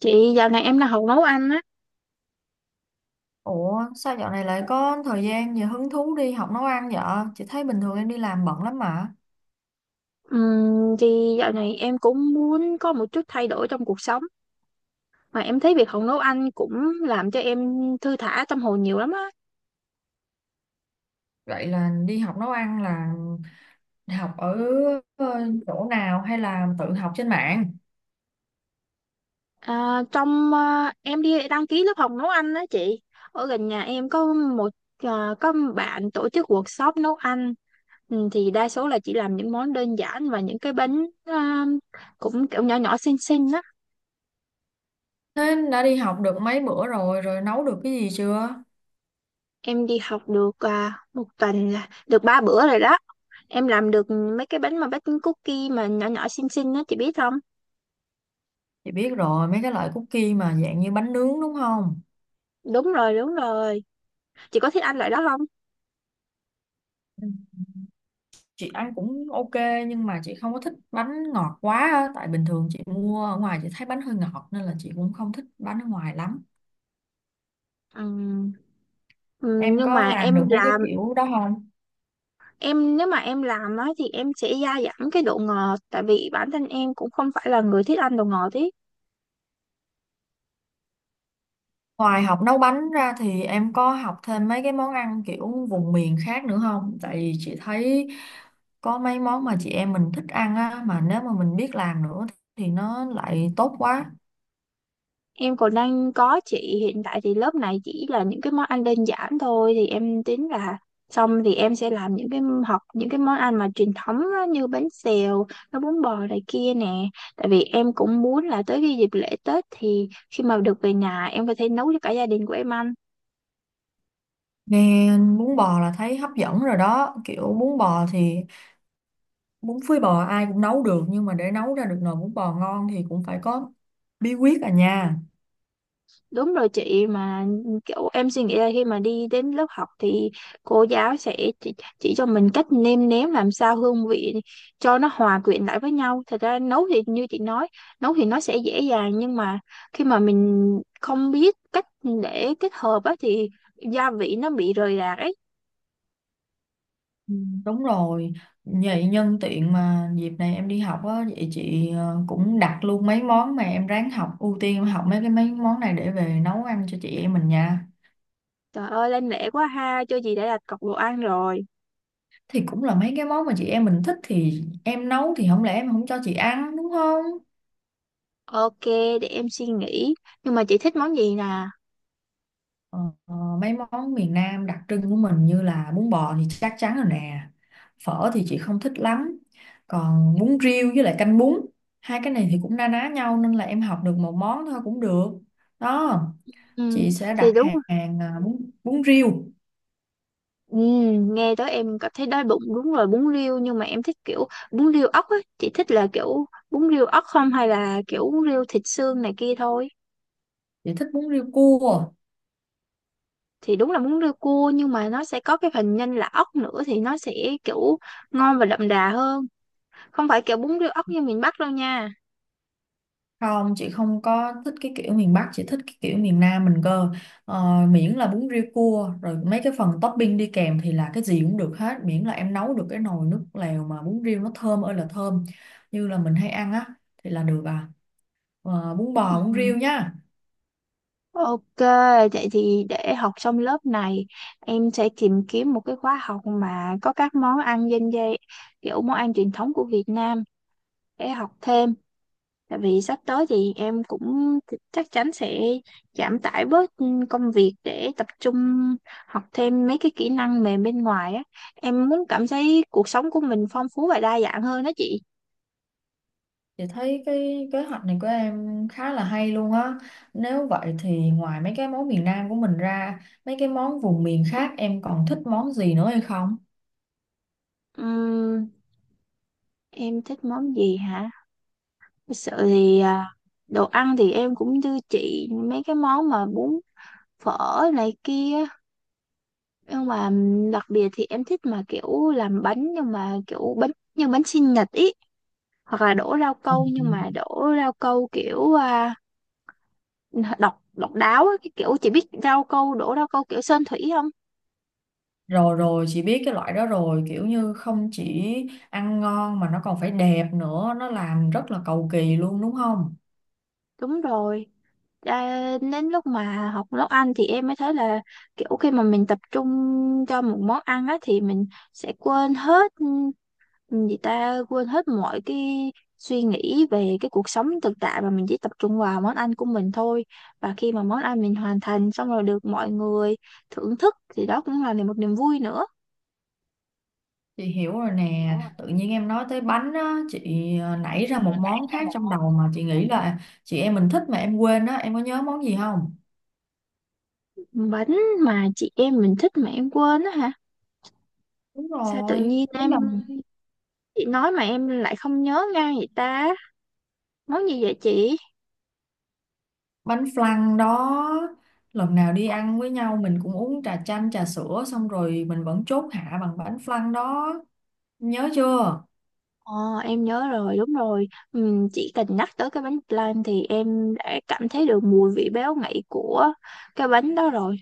Chị, dạo này em đang học nấu ăn á. Ủa sao dạo này lại có thời gian và hứng thú đi học nấu ăn vậy? Chị thấy bình thường em đi làm bận lắm mà. Thì dạo này em cũng muốn có một chút thay đổi trong cuộc sống, mà em thấy việc học nấu ăn cũng làm cho em thư thả tâm hồn nhiều lắm á. Vậy là đi học nấu ăn là học ở ờ, chỗ nào hay là tự học trên mạng? Em đi đăng ký lớp học nấu ăn á chị. Ở gần nhà em có bạn tổ chức workshop nấu ăn. Thì đa số là chỉ làm những món đơn giản và những cái bánh, cũng kiểu nhỏ nhỏ xinh xinh á. Thế đã đi học được mấy bữa rồi, rồi nấu được cái gì chưa? Em đi học được một tuần là được 3 bữa rồi đó. Em làm được mấy cái bánh mà baking cookie mà nhỏ nhỏ xinh xinh á, chị biết không? Chị biết rồi, mấy cái loại cookie mà dạng như bánh nướng đúng không? Đúng rồi, đúng rồi. Chị có thích ăn loại đó không? Ừ. Chị ăn cũng ok nhưng mà chị không có thích bánh ngọt quá á. Tại bình thường chị mua ở ngoài chị thấy bánh hơi ngọt nên là chị cũng không thích bánh ở ngoài lắm. Ừm, ừm, Em nhưng có mà làm em được mấy cái làm. kiểu đó không? Em nếu mà em làm á thì em sẽ gia giảm cái độ ngọt, tại vì bản thân em cũng không phải là người thích ăn đồ ngọt ý. Ngoài học nấu bánh ra thì em có học thêm mấy cái món ăn kiểu vùng miền khác nữa không? Tại vì chị thấy có mấy món mà chị em mình thích ăn á, mà nếu mà mình biết làm nữa thì nó lại tốt quá. Em còn đang có chị, hiện tại thì lớp này chỉ là những cái món ăn đơn giản thôi, thì em tính là xong thì em sẽ làm những cái học những cái món ăn mà truyền thống á, như bánh xèo, nó bún bò này kia nè. Tại vì em cũng muốn là tới cái dịp lễ Tết thì khi mà được về nhà em có thể nấu cho cả gia đình của em ăn. Nghe bún bò là thấy hấp dẫn rồi đó, kiểu bún bò thì bún phơi bò ai cũng nấu được nhưng mà để nấu ra được nồi bún bò ngon thì cũng phải có bí quyết à nha. Đúng rồi chị, mà kiểu em suy nghĩ là khi mà đi đến lớp học thì cô giáo sẽ chỉ cho mình cách nêm nếm làm sao hương vị cho nó hòa quyện lại với nhau. Thật ra nấu thì như chị nói, nấu thì nó sẽ dễ dàng, nhưng mà khi mà mình không biết cách để kết hợp á thì gia vị nó bị rời rạc ấy. Ừ, đúng rồi, vậy nhân tiện mà dịp này em đi học á, vậy chị cũng đặt luôn mấy món mà em ráng học, ưu tiên em học mấy cái mấy món này để về nấu ăn cho chị em mình nha. Trời ơi lên lễ quá ha, cho chị đã đặt cọc đồ ăn rồi. Thì cũng là mấy cái món mà chị em mình thích thì em nấu thì không lẽ em không cho chị ăn đúng không? Ok, để em suy nghĩ. Nhưng mà chị thích món gì nè? Ờ, ờ, mấy món miền Nam đặc trưng của mình như là bún bò thì chắc chắn rồi nè, phở thì chị không thích lắm, còn bún riêu với lại canh bún, hai cái này thì cũng na ná nhau nên là em học được một món thôi cũng được. Đó. Ừ, Chị sẽ thì đặt đúng. hàng, bún bún riêu. Ừ, nghe tới em cảm thấy đói bụng, đúng rồi bún riêu, nhưng mà em thích kiểu bún riêu ốc á, chị thích là kiểu bún riêu ốc không hay là kiểu bún riêu thịt xương này kia thôi? Chị thích bún riêu cua. Thì đúng là bún riêu cua nhưng mà nó sẽ có cái phần nhân là ốc nữa thì nó sẽ kiểu ngon và đậm đà hơn, không phải kiểu bún riêu ốc như miền Bắc đâu nha. Không, chị không có thích cái kiểu miền Bắc, chị thích cái kiểu miền Nam mình cơ. Ờ, miễn là bún riêu cua rồi mấy cái phần topping đi kèm thì là cái gì cũng được hết, miễn là em nấu được cái nồi nước lèo mà bún riêu nó thơm ơi là thơm như là mình hay ăn á thì là được à. Ờ, bún bò bún Ừ. riêu nhá. Ok, vậy thì để học xong lớp này em sẽ tìm kiếm một cái khóa học mà có các món ăn dân dây, kiểu món ăn truyền thống của Việt Nam để học thêm. Tại vì sắp tới thì em cũng chắc chắn sẽ giảm tải bớt công việc để tập trung học thêm mấy cái kỹ năng mềm bên ngoài á. Em muốn cảm thấy cuộc sống của mình phong phú và đa dạng hơn đó chị. Chị thấy cái kế hoạch này của em khá là hay luôn á. Nếu vậy thì ngoài mấy cái món miền Nam của mình ra, mấy cái món vùng miền khác em còn thích món gì nữa hay không? Ừm, em thích món gì hả? Thật sự thì đồ ăn thì em cũng như chị, mấy cái món mà bún phở này kia. Nhưng mà đặc biệt thì em thích mà kiểu làm bánh, nhưng mà kiểu bánh như bánh sinh nhật ý. Hoặc là đổ rau câu, Ừ. nhưng mà đổ rau câu kiểu độc độc đáo á, cái kiểu chị biết rau câu đổ rau câu kiểu sơn thủy không? Rồi rồi, chị biết cái loại đó rồi, kiểu như không chỉ ăn ngon mà nó còn phải đẹp nữa, nó làm rất là cầu kỳ luôn đúng không? Đúng rồi. Đến lúc mà học nấu ăn thì em mới thấy là kiểu khi mà mình tập trung cho một món ăn á thì mình sẽ quên hết, mọi cái suy nghĩ về cái cuộc sống thực tại, mà mình chỉ tập trung vào món ăn của mình thôi. Và khi mà món ăn mình hoàn thành xong rồi được mọi người thưởng thức thì đó cũng là một niềm vui nữa. Chị hiểu rồi nè, tự nhiên em nói tới bánh á, chị nảy ra Ờ, một nảy món ra khác một trong đầu mà chị nghĩ là chị em mình thích mà em quên á, em có nhớ món gì không? món bánh mà chị em mình thích mà em quên á hả? Đúng Sao tự rồi, nhiên mấy em, lần chị nói mà em lại không nhớ ngay vậy ta, món gì vậy chị? bánh flan đó, lần nào đi ăn với nhau mình cũng uống trà chanh trà sữa xong rồi mình vẫn chốt hạ bằng bánh flan đó, nhớ chưa. Ờ, em nhớ rồi, đúng rồi. Chị cần nhắc tới cái bánh flan thì em đã cảm thấy được mùi vị béo ngậy của cái bánh đó rồi,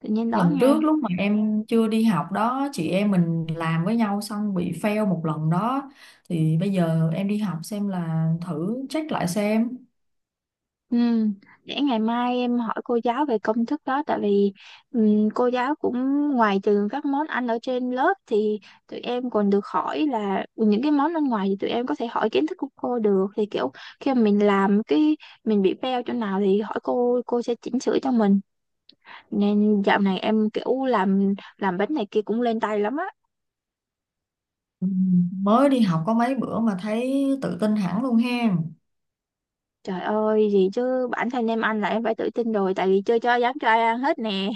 tự nhiên đói Lần trước ngay. lúc mà em chưa đi học đó chị em mình làm với nhau xong bị fail một lần đó, thì bây giờ em đi học xem là thử check lại xem. Ừ, để ngày mai em hỏi cô giáo về công thức đó, tại vì cô giáo cũng ngoài trừ các món ăn ở trên lớp thì tụi em còn được hỏi là những cái món ăn ngoài thì tụi em có thể hỏi kiến thức của cô được, thì kiểu khi mà mình làm cái mình bị fail chỗ nào thì hỏi cô sẽ chỉnh sửa cho mình, nên dạo này em kiểu làm bánh này kia cũng lên tay lắm á. Ừ, mới đi học có mấy bữa mà thấy tự tin hẳn luôn hen. Trời ơi, gì chứ bản thân em ăn là em phải tự tin rồi, tại vì chưa cho dám cho ai ăn hết nè.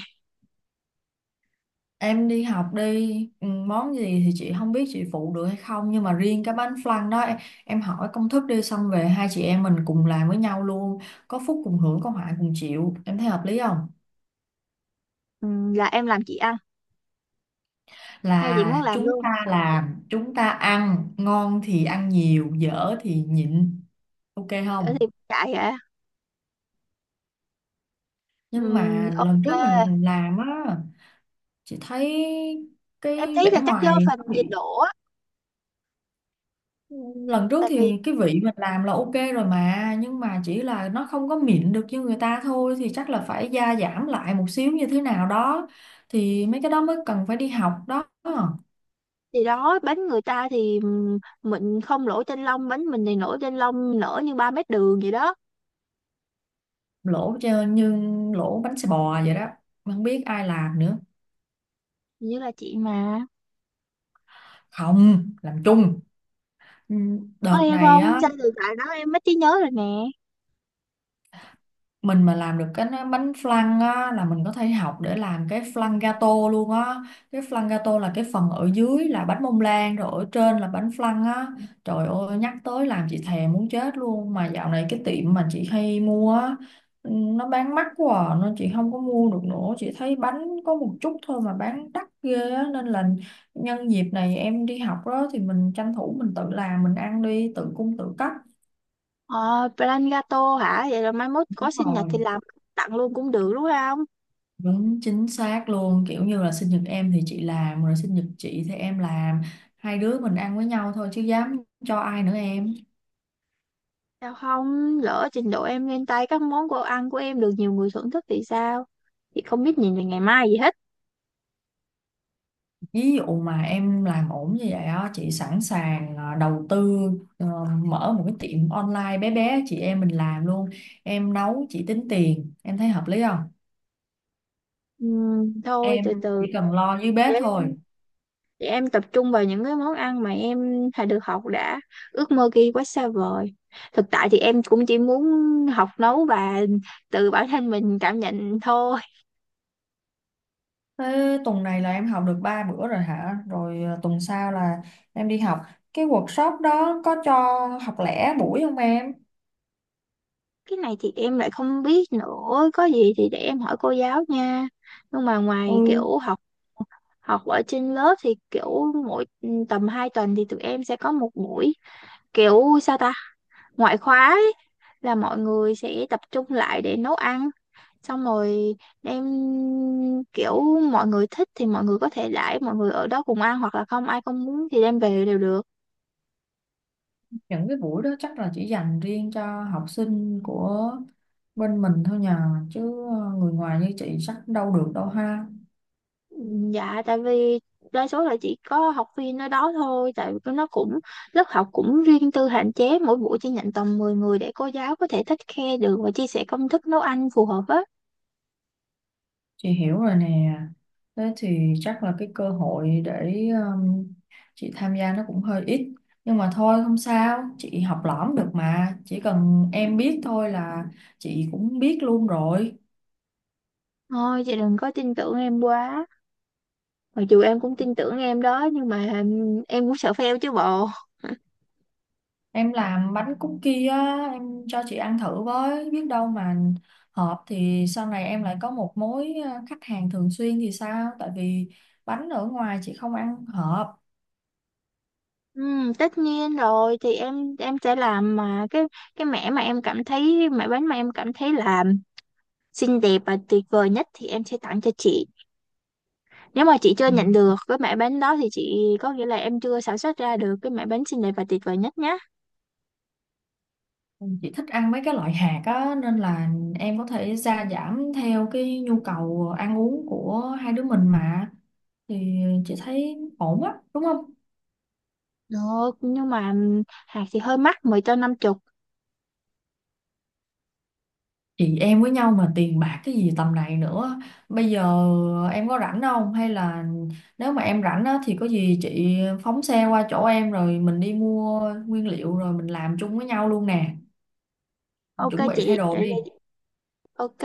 Em đi học đi, ừ, món gì thì chị không biết chị phụ được hay không nhưng mà riêng cái bánh flan đó em hỏi công thức đi xong về hai chị em mình cùng làm với nhau luôn, có phúc cùng hưởng có họa cùng chịu, em thấy hợp lý không? Là em làm chị ăn hay chị Là muốn làm chúng luôn? ta làm, chúng ta ăn, ngon thì ăn nhiều, dở thì nhịn, ok Ở không? thì chạy hả? Nhưng mà lần Ok. trước mình làm á, chị thấy cái Em thấy là vẻ chắc do ngoài phần nó nhiệt bị, độ á. lần trước Tại vì thì cái vị mình làm là ok rồi mà, nhưng mà chỉ là nó không có mịn được như người ta thôi thì chắc là phải gia giảm lại một xíu như thế nào đó thì mấy cái đó mới cần phải đi học đó. thì đó bánh người ta thì mình không lỗ chân lông, bánh mình thì nổi trên lông nở như 3 mét đường vậy đó. Như lỗ bánh xe bò vậy đó, không biết ai làm nữa, Hình như là chị mà không làm chung. Ừ, có đợt em này không á sao, từ tại đó em mất trí nhớ rồi nè. mình mà làm được bánh flan á là mình có thể học để làm cái flan gato luôn á, cái flan gato là cái phần ở dưới là bánh bông lan rồi ở trên là bánh flan á. Trời ơi nhắc tới làm chị thèm muốn chết luôn, mà dạo này cái tiệm mà chị hay mua á, ừ, nó bán mắc quá à, nên chị không có mua được nữa, chị thấy bánh có một chút thôi mà bán đắt ghê á nên là nhân dịp này em đi học đó thì mình tranh thủ mình tự làm mình ăn đi, tự cung tự cấp. Ờ plan gato hả, vậy là mai mốt Đúng có sinh nhật rồi. thì làm tặng luôn cũng được đúng không? Đúng chính xác luôn, kiểu như là sinh nhật em thì chị làm rồi sinh nhật chị thì em làm, hai đứa mình ăn với nhau thôi chứ dám cho ai nữa em. Sao không lỡ trình độ em lên tay, các món đồ ăn của em được nhiều người thưởng thức thì sao? Chị không biết nhìn về ngày mai gì hết. Ví dụ mà em làm ổn như vậy á chị sẵn sàng đầu tư, ờ, mở một cái tiệm online bé bé chị em mình làm luôn, em nấu chị tính tiền em thấy hợp lý không? Thôi Em từ từ, chỉ cần lo dưới bếp thôi. để em tập trung vào những cái món ăn mà em đã được học đã, ước mơ kia quá xa vời, thực tại thì em cũng chỉ muốn học nấu và từ bản thân mình cảm nhận thôi. Thế tuần này là em học được 3 bữa rồi hả, rồi tuần sau là em đi học cái workshop đó có cho học lẻ buổi không em? Cái này thì em lại không biết nữa, có gì thì để em hỏi cô giáo nha. Nhưng mà ngoài Ừ, kiểu học học ở trên lớp thì kiểu mỗi tầm 2 tuần thì tụi em sẽ có một buổi, kiểu sao ta, ngoại khóa ấy, là mọi người sẽ tập trung lại để nấu ăn xong rồi đem, kiểu mọi người thích thì mọi người có thể đãi mọi người ở đó cùng ăn, hoặc là không ai không muốn thì đem về đều được. những cái buổi đó chắc là chỉ dành riêng cho học sinh của bên mình thôi nhờ, chứ người ngoài như chị chắc đâu được đâu ha. Dạ, tại vì đa số là chỉ có học viên ở đó thôi, tại vì nó cũng lớp học cũng riêng tư, hạn chế mỗi buổi chỉ nhận tầm 10 người để cô giáo có thể take care được và chia sẻ công thức nấu ăn phù hợp á. Chị hiểu rồi nè, thế thì chắc là cái cơ hội để um, chị tham gia nó cũng hơi ít, nhưng mà thôi không sao chị học lỏm được mà, chỉ cần em biết thôi là chị cũng biết luôn rồi. Thôi chị đừng có tin tưởng em quá, mặc dù em cũng tin tưởng em đó nhưng mà em cũng sợ fail chứ bộ. Em làm bánh cookie á, em cho chị ăn thử với, biết đâu mà hợp thì sau này em lại có một mối khách hàng thường xuyên thì sao? Tại vì bánh ở ngoài chị không ăn hợp. Ừ, tất nhiên rồi, thì em sẽ làm mà cái mẻ mà em cảm thấy mẻ bánh mà em cảm thấy là xinh đẹp và tuyệt vời nhất thì em sẽ tặng cho chị. Nếu mà chị chưa nhận được cái mẻ bánh đó thì chị có nghĩa là em chưa sản xuất ra được cái mẻ bánh xinh đẹp và tuyệt vời nhất nhé. Ừ, chị thích ăn mấy cái loại hạt á nên là em có thể gia giảm theo cái nhu cầu ăn uống của hai đứa mình mà thì chị thấy ổn á, đúng không? Được, nhưng mà hạt thì hơi mắc, mười cho năm chục. Chị em với nhau mà tiền bạc cái gì tầm này nữa, bây giờ em có rảnh không hay là nếu mà em rảnh á, thì có gì chị phóng xe qua chỗ em rồi mình đi mua nguyên liệu rồi mình làm chung với nhau luôn nè, Ok chuẩn bị thay chị, đồ để, đi. để ok.